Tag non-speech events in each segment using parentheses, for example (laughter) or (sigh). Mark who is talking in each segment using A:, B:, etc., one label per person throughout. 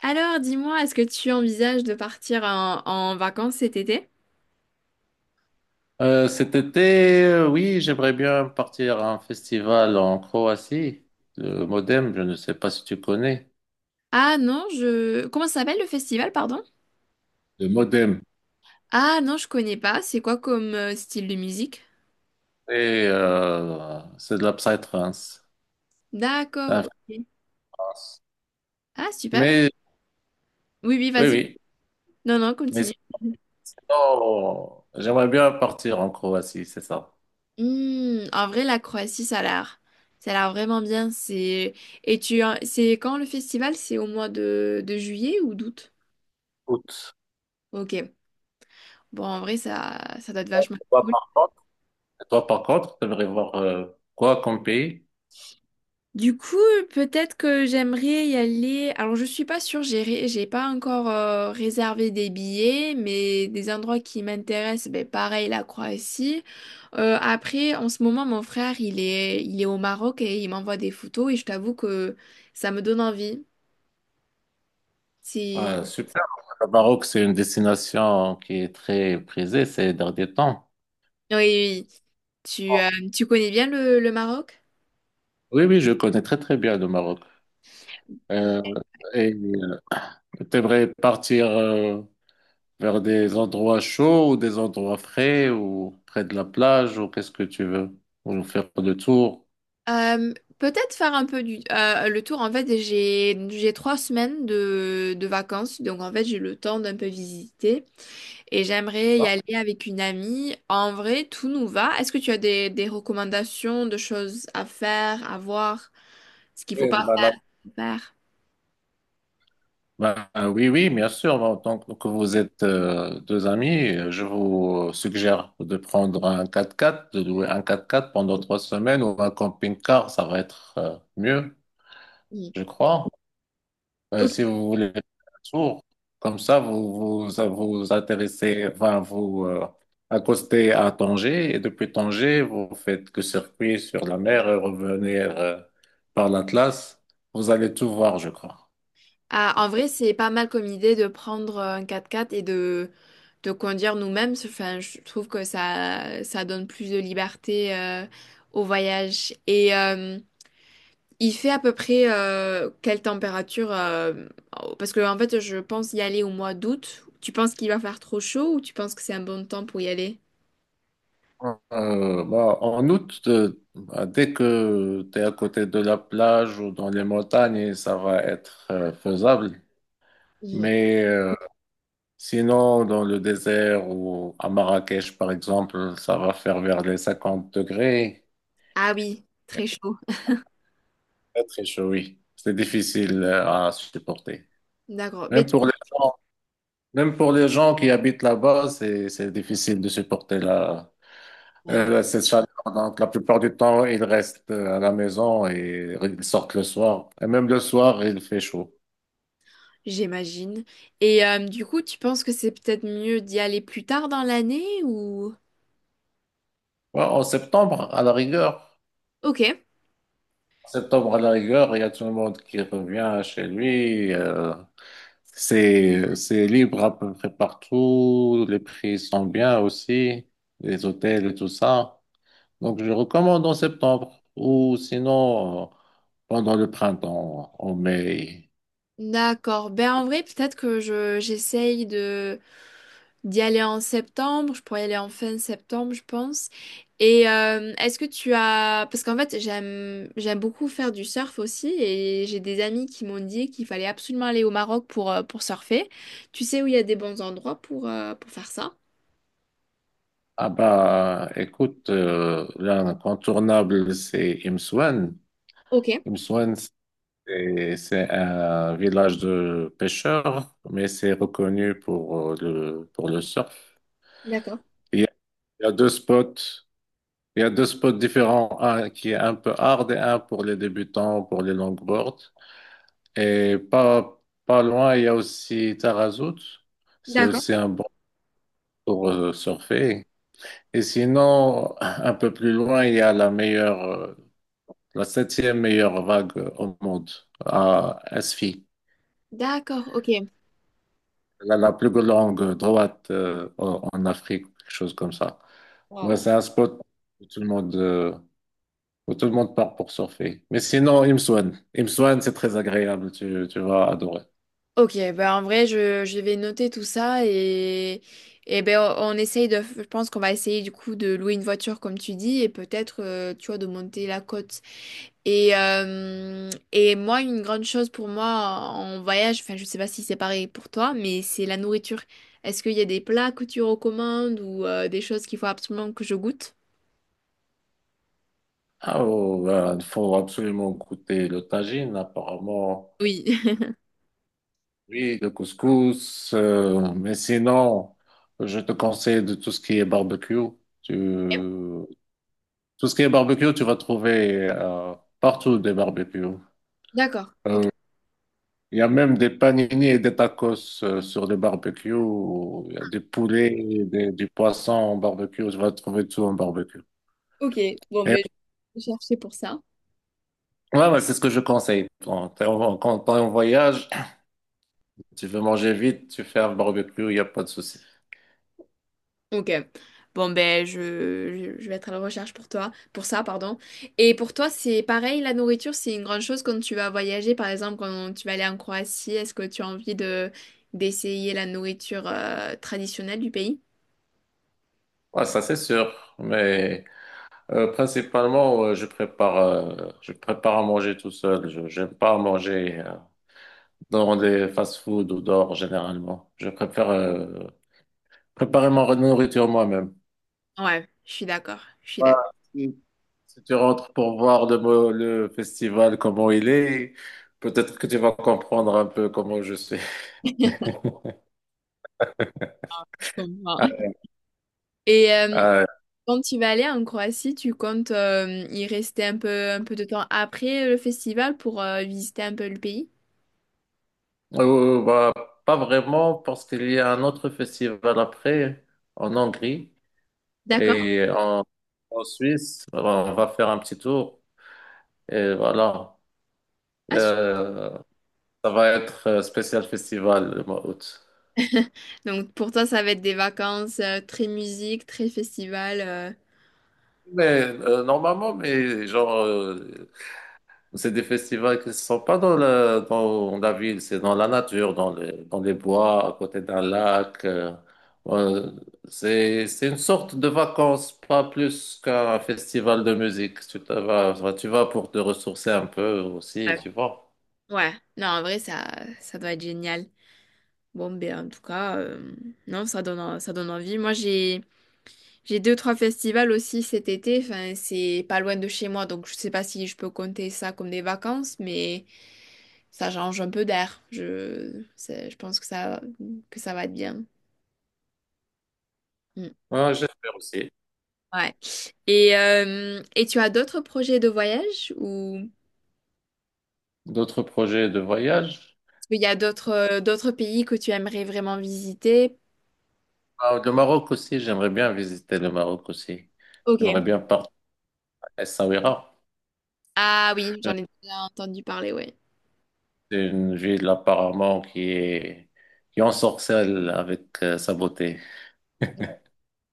A: Alors, dis-moi, est-ce que tu envisages de partir en vacances cet été?
B: Cet été, oui, j'aimerais bien partir à un festival en Croatie, le Modem, je ne sais pas si tu connais.
A: Ah non, je... Comment ça s'appelle le festival, pardon?
B: Le Modem.
A: Ah non, je connais pas. C'est quoi comme style de musique?
B: C'est de la psytrance, c'est
A: D'accord,
B: en
A: ok.
B: France.
A: Ah super.
B: Mais
A: Oui, oui,
B: oui,
A: vas-y.
B: oui,
A: Non, non,
B: mais
A: continue.
B: sinon, j'aimerais bien partir en Croatie, c'est ça.
A: Hmm, en vrai, la Croatie, ça a l'air... Ça a l'air vraiment bien. C'est... Et tu... C'est quand le festival? C'est au mois de juillet ou d'août?
B: Écoute,
A: Ok. Bon, en vrai, ça doit être vachement...
B: toi par contre, toi, par contre, t'aimerais voir quoi comme pays?
A: Du coup, peut-être que j'aimerais y aller. Alors, je suis pas sûre, j'ai pas encore réservé des billets, mais des endroits qui m'intéressent, ben, pareil, la Croatie. Après, en ce moment, mon frère, il est au Maroc et il m'envoie des photos et je t'avoue que ça me donne envie. Si...
B: Ah, super. Le Maroc, c'est une destination qui est très prisée ces derniers temps.
A: Oui, oui, oui. Tu, tu connais bien le Maroc?
B: Oui, oui, je connais très très bien le Maroc. Euh, et tu aimerais partir vers des endroits chauds ou des endroits frais ou près de la plage ou qu'est-ce que tu veux? Ou faire le tour?
A: Euh, peut-être faire un peu du, le tour. En fait, j'ai trois semaines de vacances, donc en fait, j'ai le temps d'un peu visiter. Et j'aimerais y
B: Ah,
A: aller avec une amie. En vrai, tout nous va. Est-ce que tu as des recommandations de choses à faire, à voir, ce qu'il faut
B: et
A: pas
B: bah, la-
A: faire?
B: Ben, euh, oui, oui, bien sûr. Bah, en tant que vous êtes deux amis, je vous suggère de prendre un 4x4, de louer un 4x4 pendant 3 semaines ou un camping-car, ça va être mieux,
A: Oui.
B: je crois.
A: Ok.
B: Si vous voulez faire un tour, comme ça, ça vous intéressez, enfin, vous accostez à Tanger, et depuis Tanger, vous faites que circuit sur la mer et revenir par l'Atlas. Vous allez tout voir, je crois.
A: Ah, en vrai, c'est pas mal comme idée de prendre un quatre-quatre et de conduire nous-mêmes. Enfin, je trouve que ça donne plus de liberté au voyage. Et il fait à peu près quelle température, parce que en fait, je pense y aller au mois d'août. Tu penses qu'il va faire trop chaud ou tu penses que c'est un bon temps pour y aller?
B: Euh, Bah, en août, bah, dès que tu es à côté de la plage ou dans les montagnes, ça va être faisable.
A: Mhm.
B: Mais sinon, dans le désert ou à Marrakech, par exemple, ça va faire vers les 50 degrés.
A: Ah oui, très chaud.
B: Très, très chaud, oui. C'est difficile à supporter.
A: D'accord. Mais
B: Même pour les gens, même pour les gens qui habitent là-bas, c'est difficile de supporter la.
A: ouais,
B: C'est ça. Donc, la plupart du temps, ils restent à la maison et ils sortent le soir. Et même le soir, il fait chaud.
A: j'imagine. Et du coup, tu penses que c'est peut-être mieux d'y aller plus tard dans l'année ou...
B: Ouais, en septembre, à la rigueur,
A: Ok.
B: en septembre, à la rigueur, il y a tout le monde qui revient chez lui. C'est libre à peu près partout. Les prix sont bien aussi, les hôtels et tout ça. Donc, je recommande en septembre ou sinon pendant le printemps, en mai.
A: D'accord. Ben en vrai, peut-être que je j'essaye de d'y aller en septembre, je pourrais y aller en fin septembre, je pense. Et est-ce que tu as... Parce qu'en fait, j'aime beaucoup faire du surf aussi et j'ai des amis qui m'ont dit qu'il fallait absolument aller au Maroc pour surfer. Tu sais où il y a des bons endroits pour faire ça?
B: Ah bah, écoute, l'incontournable, c'est Imsouane.
A: Ok,
B: Imsouane, c'est un village de pêcheurs, mais c'est reconnu pour pour le surf.
A: d'accord.
B: Il y a, il y a deux spots, il y a deux spots différents, un qui est un peu hard et un pour les débutants, pour les longboards. Et pas loin, il y a aussi Tarazout. C'est
A: D'accord.
B: aussi un bon pour surfer. Et sinon, un peu plus loin, il y a la septième meilleure vague au monde à SFI.
A: D'accord, ok.
B: La plus longue droite en Afrique, quelque chose comme ça. Ouais,
A: Wow.
B: c'est un spot où tout le monde, où tout le monde part pour surfer. Mais sinon, Imswan. Imswan, c'est très agréable, tu vas adorer.
A: Ok, bah en vrai, je vais noter tout ça et ben on essaye de, je pense qu'on va essayer du coup de louer une voiture comme tu dis et peut-être tu vois, de monter la côte. Et moi, une grande chose pour moi en voyage, enfin je sais pas si c'est pareil pour toi, mais c'est la nourriture. Est-ce qu'il y a des plats que tu recommandes ou des choses qu'il faut absolument que je goûte?
B: Ah, oh, ben, il faut absolument goûter le tagine, apparemment.
A: Oui.
B: Oui, le couscous. Mais sinon, je te conseille de tout ce qui est barbecue. Tu,
A: (laughs)
B: Tout ce qui est barbecue, tu vas trouver partout des barbecues.
A: D'accord, ok.
B: Euh, Il y a même des panini et des tacos sur des barbecues. Il y a des poulets, du poisson en barbecue. Tu vas trouver tout en barbecue.
A: Ok, bon,
B: Et,
A: ben, je vais chercher pour ça.
B: ouais, ouais, c'est ce que je conseille. Quand t'es en voyage, tu veux manger vite, tu fais un barbecue, il n'y a pas de souci.
A: Ok. Bon, ben, je vais être à la recherche pour toi, pour ça, pardon. Et pour toi, c'est pareil, la nourriture, c'est une grande chose quand tu vas voyager, par exemple, quand tu vas aller en Croatie, est-ce que tu as envie de d'essayer la nourriture traditionnelle du pays?
B: Ouais, ça c'est sûr, mais principalement je prépare à manger tout seul. Je j'aime pas manger dans des fast-food ou dehors généralement. Je préfère préparer ma nourriture moi-même.
A: Ouais, je suis d'accord, je suis
B: Voilà.
A: d'accord.
B: Si tu rentres pour voir le festival, comment il est, peut-être que tu vas comprendre un peu comment je suis. (laughs)
A: Je comprends.
B: Ah,
A: (laughs) Et
B: ah,
A: quand tu vas aller en Croatie, tu comptes y rester un peu de temps après le festival pour visiter un peu le pays?
B: bah, pas vraiment, parce qu'il y a un autre festival après, en Hongrie
A: D'accord.
B: et en Suisse. Alors, on va faire un petit tour et voilà.
A: Ah,
B: Euh, Ça va être spécial festival le mois d'août.
A: donc pour toi, ça va être des vacances très musique, très festival.
B: Mais normalement, mais genre c'est des festivals qui ne sont pas dans la ville, c'est dans la nature, dans les bois, à côté d'un lac. Euh, c'est une sorte de vacances, pas plus qu'un festival de musique. Enfin, tu vas pour te ressourcer un peu aussi,
A: Ouais.
B: tu vois.
A: Ouais, non, en vrai, ça doit être génial. Bon, ben, en tout cas, non, ça donne, ça donne envie. Moi, j'ai deux, trois festivals aussi cet été. Enfin, c'est pas loin de chez moi, donc je sais pas si je peux compter ça comme des vacances, mais ça change un peu d'air. Je pense que que ça va être bien. Mm.
B: Ouais, j'espère aussi.
A: Ouais. Et tu as d'autres projets de voyage ou...
B: D'autres projets de voyage?
A: Il y a d'autres d'autres pays que tu aimerais vraiment visiter?
B: Ah, le Maroc aussi, j'aimerais bien visiter le Maroc aussi.
A: Ok.
B: J'aimerais bien partir à Essaouira.
A: Ah oui, j'en ai déjà entendu parler, ouais.
B: C'est une ville apparemment qui ensorcelle avec sa beauté.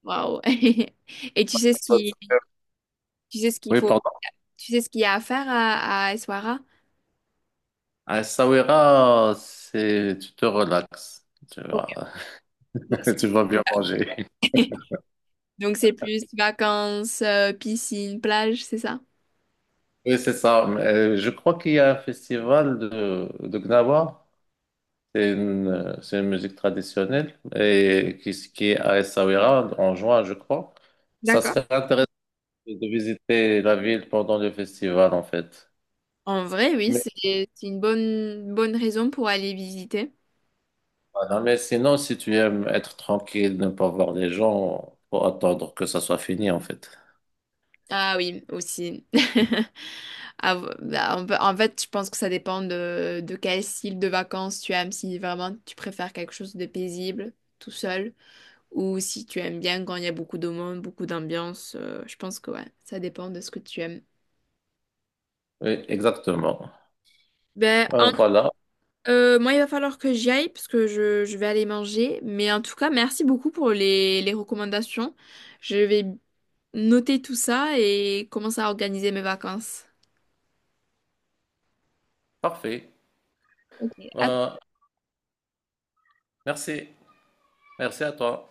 A: Waouh. (laughs) Et tu sais ce
B: Ça,
A: qui, tu sais ce qu'il
B: Oui,
A: faut,
B: pardon.
A: tu sais ce qu'il y a à faire à Essaouira?
B: À Essaouira, tu te relaxes. Tu
A: Ok.
B: vas,
A: Donc c'est
B: (laughs) Tu vas bien manger. (laughs)
A: donc c'est plus vacances, piscine, plage, c'est ça?
B: Oui, c'est ça. Mais, je crois qu'il y a un festival de Gnawa. C'est une musique traditionnelle et qui est à Essaouira en juin, je crois. Ça
A: D'accord.
B: serait intéressant de visiter la ville pendant le festival, en fait.
A: En vrai, oui,
B: Mais
A: c'est une bonne raison pour aller visiter.
B: Ah, non, mais sinon, si tu aimes être tranquille, ne pas voir les gens, faut attendre que ça soit fini, en fait.
A: Ah oui, aussi. (laughs) Ah, bah, en fait, je pense que ça dépend de quel style de vacances tu aimes, si vraiment tu préfères quelque chose de paisible, tout seul, ou si tu aimes bien quand il y a beaucoup de monde, beaucoup d'ambiance. Je pense que ouais, ça dépend de ce que tu aimes.
B: Oui, exactement.
A: Ben, en-
B: Voilà,
A: Moi, il va falloir que j'y aille parce que je vais aller manger. Mais en tout cas, merci beaucoup pour les recommandations. Je vais noter tout ça et commencer à organiser mes vacances.
B: parfait.
A: Ok. À
B: Euh, Merci. Merci à toi.